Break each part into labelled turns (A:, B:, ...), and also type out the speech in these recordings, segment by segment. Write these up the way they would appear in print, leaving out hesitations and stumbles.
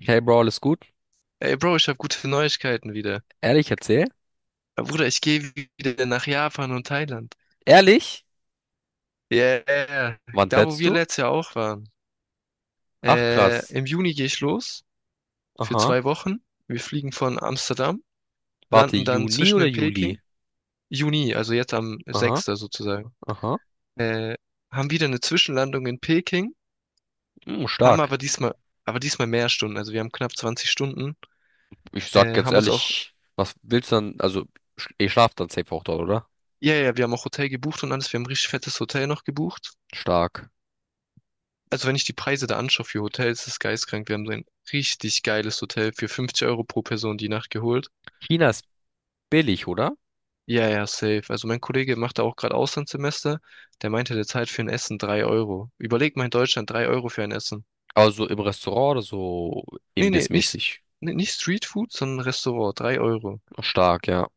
A: Hey Bro, alles gut?
B: Ey, Bro, ich habe gute Neuigkeiten wieder.
A: Ehrlich, erzähl.
B: Ja, Bruder, ich gehe wieder nach Japan und Thailand.
A: Ehrlich?
B: Yeah,
A: Wann
B: da wo
A: fährst
B: wir
A: du?
B: letztes Jahr auch waren.
A: Ach krass.
B: Im Juni gehe ich los für
A: Aha.
B: 2 Wochen. Wir fliegen von Amsterdam,
A: Warte,
B: landen dann
A: Juni
B: zwischen
A: oder
B: in
A: Juli?
B: Peking. Juni, also jetzt am
A: Aha,
B: 6. sozusagen.
A: aha.
B: Äh, Haben wieder eine Zwischenlandung in Peking,
A: Hm,
B: haben
A: stark.
B: aber diesmal mehr Stunden. Also wir haben knapp 20 Stunden.
A: Ich sag
B: Äh,
A: jetzt
B: haben uns auch,
A: ehrlich, was willst du dann? Also, ihr schlaft dann safe auch dort, oder?
B: ja, ja, wir haben auch Hotel gebucht und alles. Wir haben ein richtig fettes Hotel noch gebucht.
A: Stark.
B: Also wenn ich die Preise da anschaue für Hotels, das ist geisteskrank. Wir haben so ein richtig geiles Hotel für 50 Euro pro Person die Nacht geholt.
A: China ist billig, oder?
B: Ja, ja, safe. Also mein Kollege macht da auch gerade Auslandssemester. Der meinte, der zahlt für ein Essen 3 Euro. Überleg mal in Deutschland 3 Euro für ein Essen.
A: Also im Restaurant oder so
B: Nee, nee,
A: imbissmäßig.
B: nicht Streetfood, sondern Restaurant, 3 Euro.
A: Stark, ja.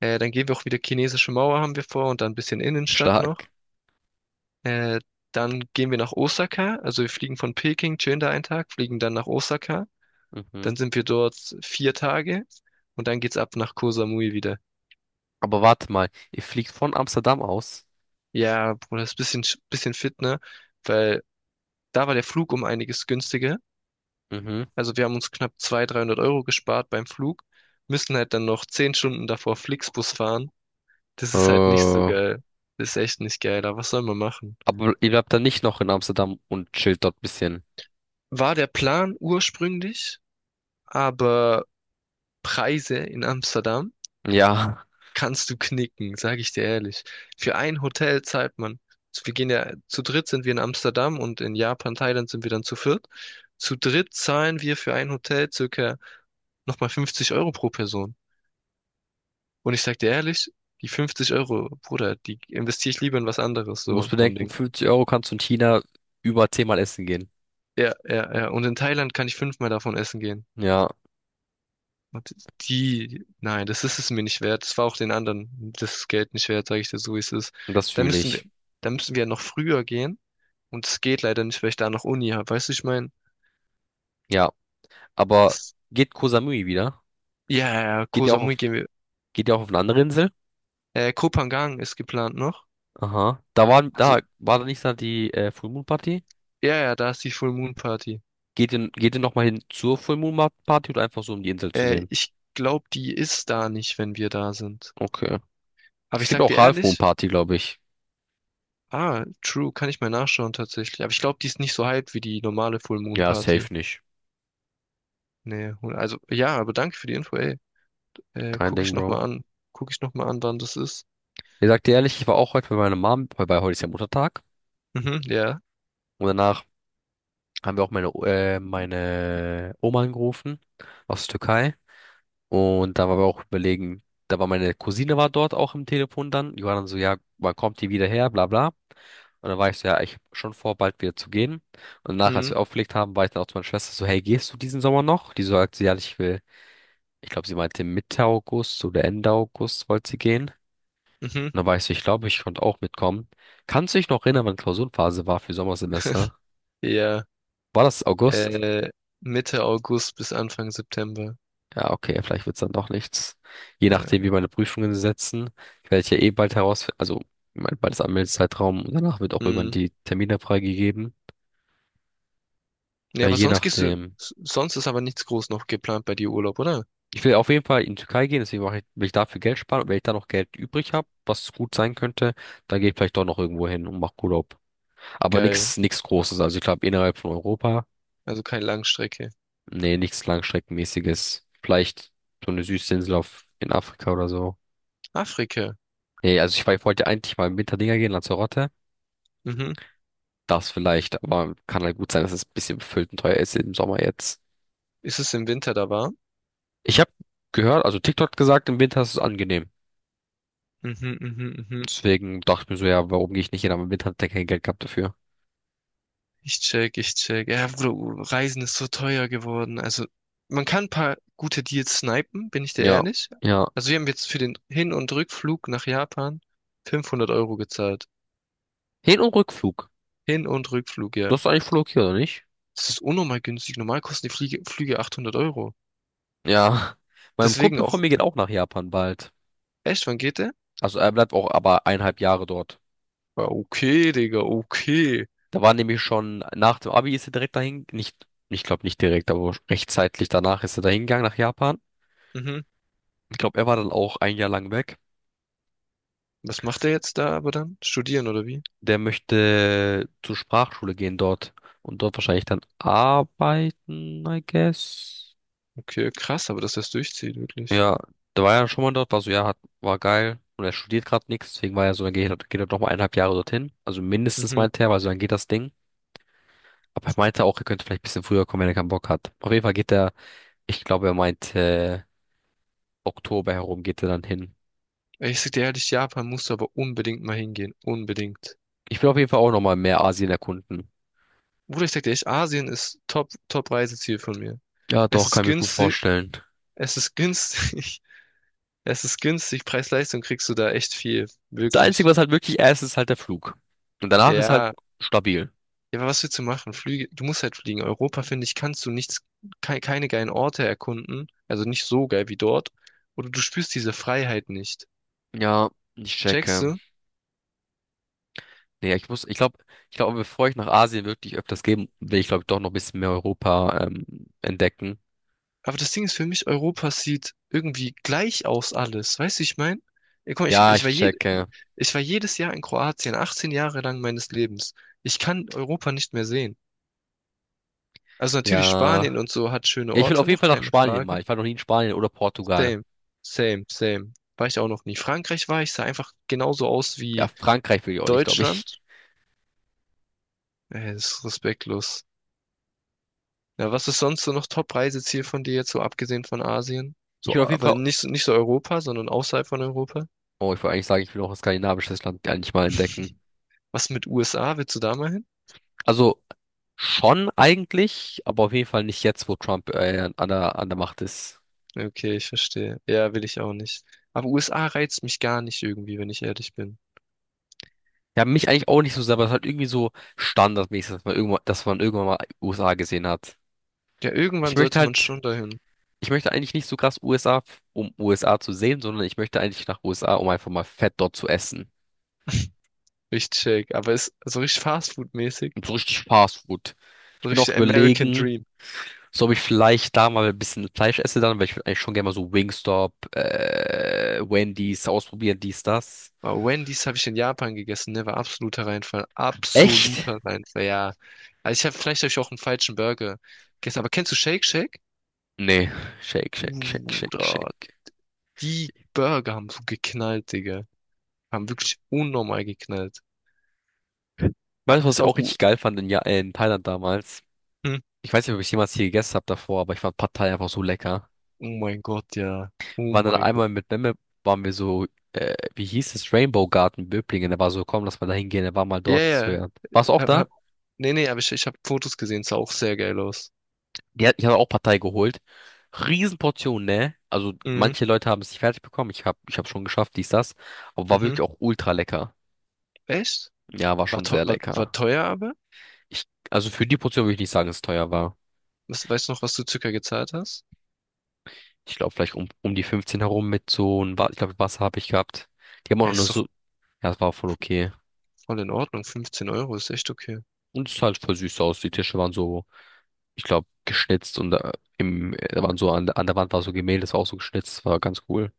B: Dann gehen wir auch wieder chinesische Mauer haben wir vor und dann ein bisschen Innenstadt noch.
A: Stark.
B: Äh, Dann gehen wir nach Osaka. Also wir fliegen von Peking, chillen da einen Tag, fliegen dann nach Osaka. Dann
A: Mhm.
B: sind wir dort 4 Tage und dann geht's ab nach Koh Samui wieder.
A: Aber warte mal, ihr fliegt von Amsterdam aus?
B: Ja, Bruder, ist ein bisschen, bisschen fit, ne? Weil da war der Flug um einiges günstiger.
A: Mhm.
B: Also wir haben uns knapp 200, 300 Euro gespart beim Flug, müssen halt dann noch 10 Stunden davor Flixbus fahren. Das ist halt nicht so
A: Äh,
B: geil. Das ist echt nicht geil, aber was soll man machen?
A: aber ihr bleibt dann nicht noch in Amsterdam und chillt dort ein bisschen.
B: War der Plan ursprünglich, aber Preise in Amsterdam
A: Ja,
B: kannst du knicken, sage ich dir ehrlich. Für ein Hotel zahlt man, wir gehen ja, zu dritt sind wir in Amsterdam und in Japan, Thailand sind wir dann zu viert. Zu dritt zahlen wir für ein Hotel circa nochmal 50 Euro pro Person. Und ich sag dir ehrlich, die 50 Euro, Bruder, die investiere ich lieber in was anderes,
A: du musst
B: so vom
A: bedenken,
B: Ding.
A: 50€ kannst du in China über 10 Mal essen gehen.
B: Ja, ja, ja. Und in Thailand kann ich fünfmal davon essen gehen.
A: Ja,
B: Und nein, das ist es mir nicht wert. Das war auch den anderen das Geld nicht wert, sage ich dir so, wie es ist.
A: das
B: Da
A: fühle
B: müssen wir,
A: ich.
B: Da müssen wir ja noch früher gehen. Und es geht leider nicht, weil ich da noch Uni habe. Weißt du, ich meine,
A: Ja, aber
B: das,
A: geht Koh Samui wieder?
B: ja, ja, ja,
A: Geht
B: Koh
A: ihr auch auf,
B: Samui gehen wir.
A: Geht ihr auch auf eine andere Insel?
B: Koh Phangan ist geplant noch.
A: Aha.
B: Also,
A: Da war da nicht da die Full Moon Party?
B: ja, ja, da ist die Full Moon Party.
A: Geht ihr nochmal hin zur Full Moon Party oder einfach so, um die Insel zu sehen?
B: Ich glaube, die ist da nicht, wenn wir da sind.
A: Okay.
B: Aber
A: Es
B: ich
A: gibt
B: sag
A: auch
B: dir
A: Half Moon
B: ehrlich,
A: Party, glaube ich.
B: ah, true, kann ich mal nachschauen tatsächlich. Aber ich glaube, die ist nicht so hyped wie die normale Full Moon
A: Ja,
B: Party.
A: safe nicht.
B: Nee, also, ja, aber danke für die Info, ey.
A: Kein
B: Guck ich
A: Ding, Bro.
B: nochmal an. Guck ich nochmal an, wann das ist.
A: Ich sag dir ehrlich, ich war auch heute bei meiner Mom, weil bei heute ist ja Muttertag.
B: Mhm, ja.
A: Und danach haben wir auch meine Oma angerufen aus der Türkei. Und da waren wir auch überlegen, da war meine Cousine war dort auch im Telefon dann. Die war dann so, ja, wann kommt die wieder her, bla bla. Und dann war ich so, ja, ich hab schon vor, bald wieder zu gehen. Und danach, als
B: Mhm,
A: wir aufgelegt haben, war ich dann auch zu meiner Schwester so, hey, gehst du diesen Sommer noch? Die so, sagt sie, ja, ich will, ich glaube, sie meinte Mitte August oder Ende August wollte sie gehen. Und
B: mhm,
A: dann war ich so, ich glaube, ich konnte auch mitkommen. Kannst du dich noch erinnern, wann Klausurenphase war für Sommersemester?
B: ja.
A: War das August?
B: Äh, Mitte August bis Anfang September.
A: Ja, okay, vielleicht wird's dann doch nichts. Je nachdem,
B: Äh,
A: wie meine Prüfungen setzen. Ich werde ja eh bald herausfinden, also mein bald ist Anmeldezeitraum und danach wird auch irgendwann
B: mhm.
A: die Termine freigegeben.
B: Ja,
A: Ja,
B: aber
A: je
B: sonst gehst du,
A: nachdem.
B: s- sonst ist aber nichts groß noch geplant bei dir Urlaub, oder?
A: Ich will auf jeden Fall in die Türkei gehen, deswegen mache ich, will ich dafür Geld sparen. Und wenn ich da noch Geld übrig habe, was gut sein könnte, dann gehe ich vielleicht doch noch irgendwo hin und mache Urlaub. Aber
B: Geil.
A: nichts Großes. Also ich glaube innerhalb von Europa,
B: Also keine Langstrecke.
A: nee, nichts Langstreckenmäßiges. Vielleicht so eine Süßinsel auf, in Afrika oder so.
B: Afrika.
A: Nee, also ich, war- ich wollte eigentlich mal im Winterdinger gehen, Lanzarote.
B: Mhm.
A: Das vielleicht, aber kann halt gut sein, dass es ein bisschen befüllt und teuer ist im Sommer jetzt.
B: Ist es im Winter da warm?
A: Ich habe gehört, also TikTok hat gesagt, im Winter ist es angenehm.
B: Mhm, mhm, mhm.
A: Deswegen dachte ich mir so, ja, warum gehe ich nicht hin? Aber im Winter hat er kein Geld gehabt dafür.
B: Ich check, ich check. Ja, Bro, Reisen ist so teuer geworden. Also, man kann ein paar gute Deals snipen, bin ich dir
A: Ja,
B: ehrlich.
A: ja.
B: Also, wir haben jetzt für den Hin- und Rückflug nach Japan 500 Euro gezahlt.
A: Hin- und Rückflug.
B: Hin- und Rückflug,
A: Du
B: ja.
A: hast eigentlich Flug hier, oder nicht?
B: Das ist unnormal günstig. Normal kosten die Flüge 800 Euro.
A: Ja. Mein
B: Deswegen
A: Kumpel von
B: auch,
A: mir geht auch nach Japan bald.
B: echt, wann geht der?
A: Also er bleibt auch aber eineinhalb Jahre dort.
B: Ja, okay, Digga, okay.
A: Da war nämlich schon, nach dem Abi ist er direkt dahin, nicht, ich glaube nicht direkt, aber rechtzeitig danach ist er dahin gegangen nach Japan.
B: Mhm.
A: Ich glaube, er war dann auch ein Jahr lang weg.
B: Was macht er jetzt da aber dann? Studieren oder wie?
A: Der möchte zur Sprachschule gehen dort und dort wahrscheinlich dann arbeiten, I guess.
B: Okay, krass, aber dass das durchzieht, wirklich.
A: Ja, der war ja schon mal dort, war so, ja, hat, war geil. Und er studiert gerade nichts, deswegen war er so, dann geht er noch mal eineinhalb Jahre dorthin. Also mindestens
B: Mhm.
A: meinte er, weil so dann geht das Ding. Aber er meinte auch, er könnte vielleicht ein bisschen früher kommen, wenn er keinen Bock hat. Auf jeden Fall geht er, ich glaube, er meinte, Oktober herum geht er dann hin.
B: Ey, ich sag dir ehrlich, Japan musst du aber unbedingt mal hingehen. Unbedingt.
A: Ich will auf jeden Fall auch nochmal mehr Asien erkunden.
B: Bruder, ich sag dir echt, Asien ist Top, Top-Reiseziel von mir.
A: Ja,
B: Es
A: doch,
B: ist
A: kann ich mir gut
B: günstig,
A: vorstellen.
B: es ist günstig, es ist günstig, Preis-Leistung kriegst du da echt viel,
A: Das Einzige,
B: wirklich.
A: was halt wirklich erst ist, ist halt der Flug. Und danach ist halt
B: Ja,
A: stabil.
B: ja, aber was willst du machen? Flüge, du musst halt fliegen. Europa, finde ich, kannst du nichts, keine geilen Orte erkunden, also nicht so geil wie dort, oder du spürst diese Freiheit nicht.
A: Ja, ich
B: Checkst
A: checke.
B: du?
A: Nee, ich muss, ich glaube, bevor ich nach Asien wirklich öfters gehe, will ich, glaube ich, doch noch ein bisschen mehr Europa entdecken.
B: Aber das Ding ist für mich, Europa sieht irgendwie gleich aus alles. Weißt du, wie ich meine? Guck mal,
A: Ja, ich checke.
B: ich war jedes Jahr in Kroatien, 18 Jahre lang meines Lebens. Ich kann Europa nicht mehr sehen. Also natürlich
A: Ja.
B: Spanien und so hat schöne
A: Ja, ich will
B: Orte
A: auf jeden
B: noch,
A: Fall nach
B: keine
A: Spanien mal.
B: Frage.
A: Ich war noch nie in Spanien oder Portugal.
B: Same, same, same. War ich auch noch nie. Frankreich war ich, sah einfach genauso aus
A: Ja,
B: wie
A: Frankreich will ich auch nicht, glaube ich.
B: Deutschland. Ey, das ist respektlos. Ja, was ist sonst so noch Top-Reiseziel von dir jetzt, so abgesehen von Asien?
A: Ich
B: So,
A: will auf jeden
B: aber
A: Fall,
B: nicht so Europa, sondern außerhalb von Europa?
A: oh, ich wollte eigentlich sagen, ich will auch ein skandinavisches Land eigentlich mal entdecken.
B: Was mit USA? Willst du da mal hin?
A: Also schon eigentlich, aber auf jeden Fall nicht jetzt, wo Trump an an der Macht ist.
B: Okay, ich verstehe. Ja, will ich auch nicht. Aber USA reizt mich gar nicht irgendwie, wenn ich ehrlich bin.
A: Ja, mich eigentlich auch nicht so sehr, aber es ist halt irgendwie so standardmäßig, dass man irgendwann mal USA gesehen hat.
B: Ja,
A: Ich
B: irgendwann
A: möchte
B: sollte man
A: halt,
B: schon dahin.
A: ich möchte eigentlich nicht so krass um USA zu sehen, sondern ich möchte eigentlich nach USA, um einfach mal fett dort zu essen.
B: Ich check. Aber ist so richtig Fastfood-mäßig.
A: Und so richtig Fast Food. Ich
B: So
A: bin auch
B: richtig American
A: überlegen,
B: Dream.
A: so ob ich vielleicht da mal ein bisschen Fleisch esse dann, weil ich würde eigentlich schon gerne mal so Wendy's ausprobieren, dies, das.
B: Aber Wendy's habe ich in Japan gegessen, ne? War absoluter Reinfall.
A: Echt?
B: Absoluter Reinfall, ja. Also ich habe vielleicht habe ich auch einen falschen Burger gegessen. Aber kennst du Shake Shack?
A: Nee. Shake, shake, shake,
B: Uh,
A: shake,
B: da-
A: shake.
B: Die Burger haben so geknallt, Digga. Haben wirklich unnormal geknallt. Ah,
A: Weißt du, was
B: ist
A: ich
B: auch
A: auch
B: U.
A: richtig geil fand in, ja in Thailand damals?
B: Hm?
A: Ich weiß nicht, ob ich jemals hier gegessen habe davor, aber ich fand Pad Thai einfach so lecker.
B: Oh mein Gott, ja. Oh
A: Waren dann
B: mein Gott.
A: einmal mit Memme, waren wir so, wie hieß es, Rainbow Garden Böblingen. Er war so, komm, lass mal da hingehen. Er war mal
B: Ja,
A: dort. Ich so,
B: ja.
A: ja. Warst du auch
B: Hab,
A: da?
B: hab, Nee, nee, aber ich habe Fotos gesehen. Sah auch sehr geil aus.
A: Ja, ich hatte auch Partei geholt. Riesenportion, ne? Also
B: Mhm.
A: manche Leute haben es nicht fertig bekommen. Ich hab schon geschafft, dies, das. Aber war
B: Mhm.
A: wirklich auch ultra lecker.
B: Echt?
A: Ja, war
B: War,
A: schon
B: teu-
A: sehr
B: war, war
A: lecker.
B: teuer aber?
A: Ich, also für die Portion würde ich nicht sagen, dass es teuer war.
B: Was, weißt du noch, was du circa gezahlt hast?
A: Ich glaube, vielleicht um die 15 herum mit so ich glaube, Wasser habe ich gehabt. Die haben auch noch
B: Ja,
A: nur
B: ist
A: so,
B: doch
A: ja, es war voll okay.
B: voll in Ordnung. 15 Euro ist echt okay.
A: Und es sah halt voll süß aus. Die Tische waren so ich glaube, geschnitzt und da waren so an der Wand war so Gemälde, das war auch so geschnitzt, war ganz cool.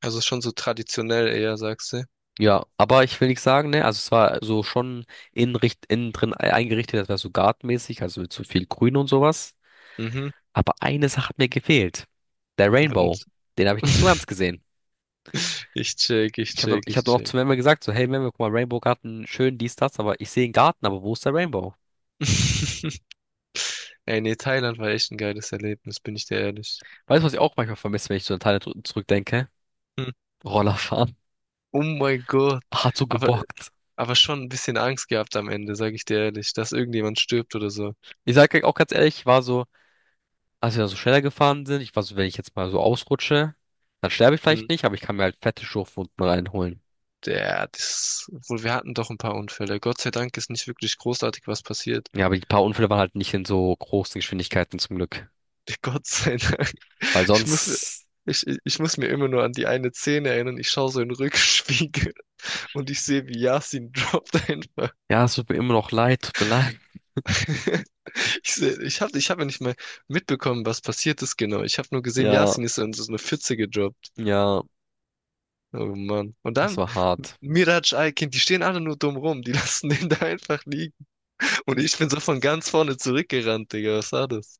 B: Also ist schon so traditionell eher, sagst du.
A: Ja, aber ich will nicht sagen, ne, also es war so schon innen drin eingerichtet, das war so gartenmäßig, also mit so viel Grün und sowas.
B: Mhm.
A: Aber eine Sache hat mir gefehlt. Der Rainbow.
B: Und-
A: Den habe ich nicht so ganz gesehen.
B: Ich check, ich
A: Ich habe
B: check,
A: ich
B: ich
A: hab auch
B: check.
A: zu Memme gesagt, so, hey Memme, guck mal, Rainbow Garten, schön, dies, das, aber ich sehe einen Garten, aber wo ist der Rainbow?
B: Ey, nee, Thailand war echt ein geiles Erlebnis, bin ich dir ehrlich.
A: Weißt du, was ich auch manchmal vermisse, wenn ich so an Thailand zurückdenke?
B: Hm.
A: Rollerfahren.
B: Oh mein Gott.
A: Hat so
B: Aber
A: gebockt.
B: aber schon ein bisschen Angst gehabt am Ende, sage ich dir ehrlich, dass irgendjemand stirbt oder so.
A: Ich sage auch ganz ehrlich, ich war so, als wir da so schneller gefahren sind, ich war so, wenn ich jetzt mal so ausrutsche, dann sterbe ich
B: Hm.
A: vielleicht nicht, aber ich kann mir halt fette Schürfwunden reinholen.
B: Wir hatten doch ein paar Unfälle. Gott sei Dank ist nicht wirklich großartig was passiert.
A: Ja, aber die paar Unfälle waren halt nicht in so großen Geschwindigkeiten zum Glück.
B: Gott sei Dank.
A: Weil
B: Ich muss, mir-
A: sonst,
B: ich muss mir immer nur an die eine Szene erinnern. Ich schaue so in den Rückspiegel und ich sehe, wie Yasin droppt einfach.
A: ja, es tut mir immer noch leid, tut mir leid.
B: Ich sehe, ich hab ja nicht mal mitbekommen, was passiert ist genau. Ich habe nur gesehen,
A: Ja,
B: Yasin ist in so eine Pfütze gedroppt.
A: ja,
B: Oh Mann. Und
A: es
B: dann,
A: war hart.
B: Mirac, Aykin, die stehen alle nur dumm rum. Die lassen den da einfach liegen. Und ich bin so von ganz vorne zurückgerannt, Digga. Was war das?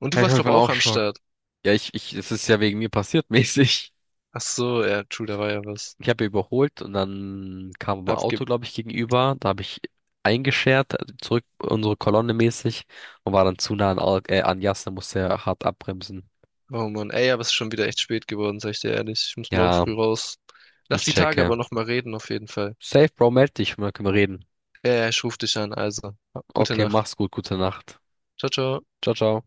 B: Und
A: Ja,
B: du
A: ich
B: warst,
A: hoffe, ich
B: glaub
A: war auch
B: auch am
A: Schock.
B: Start.
A: Ja, es ist ja wegen mir passiert mäßig.
B: Ach so, ja, true, da war ja was.
A: Ich habe überholt und dann kam ein
B: Abge
A: Auto, glaube ich, gegenüber. Da habe ich eingeschert, also zurück unsere Kolonne mäßig und war dann zu nah an, an Jas, da musste er hart abbremsen.
B: Oh Mann. Ey, aber es ist schon wieder echt spät geworden, sag ich dir ehrlich. Ich muss morgen
A: Ja,
B: früh raus. Lass
A: ich
B: die Tage
A: checke.
B: aber nochmal reden, auf jeden Fall.
A: Safe, Bro, meld dich, können wir reden.
B: Ja, ja, ich ruf dich an, also. Gute
A: Okay,
B: Nacht.
A: mach's gut, gute Nacht.
B: Ciao, ciao.
A: Ciao, ciao.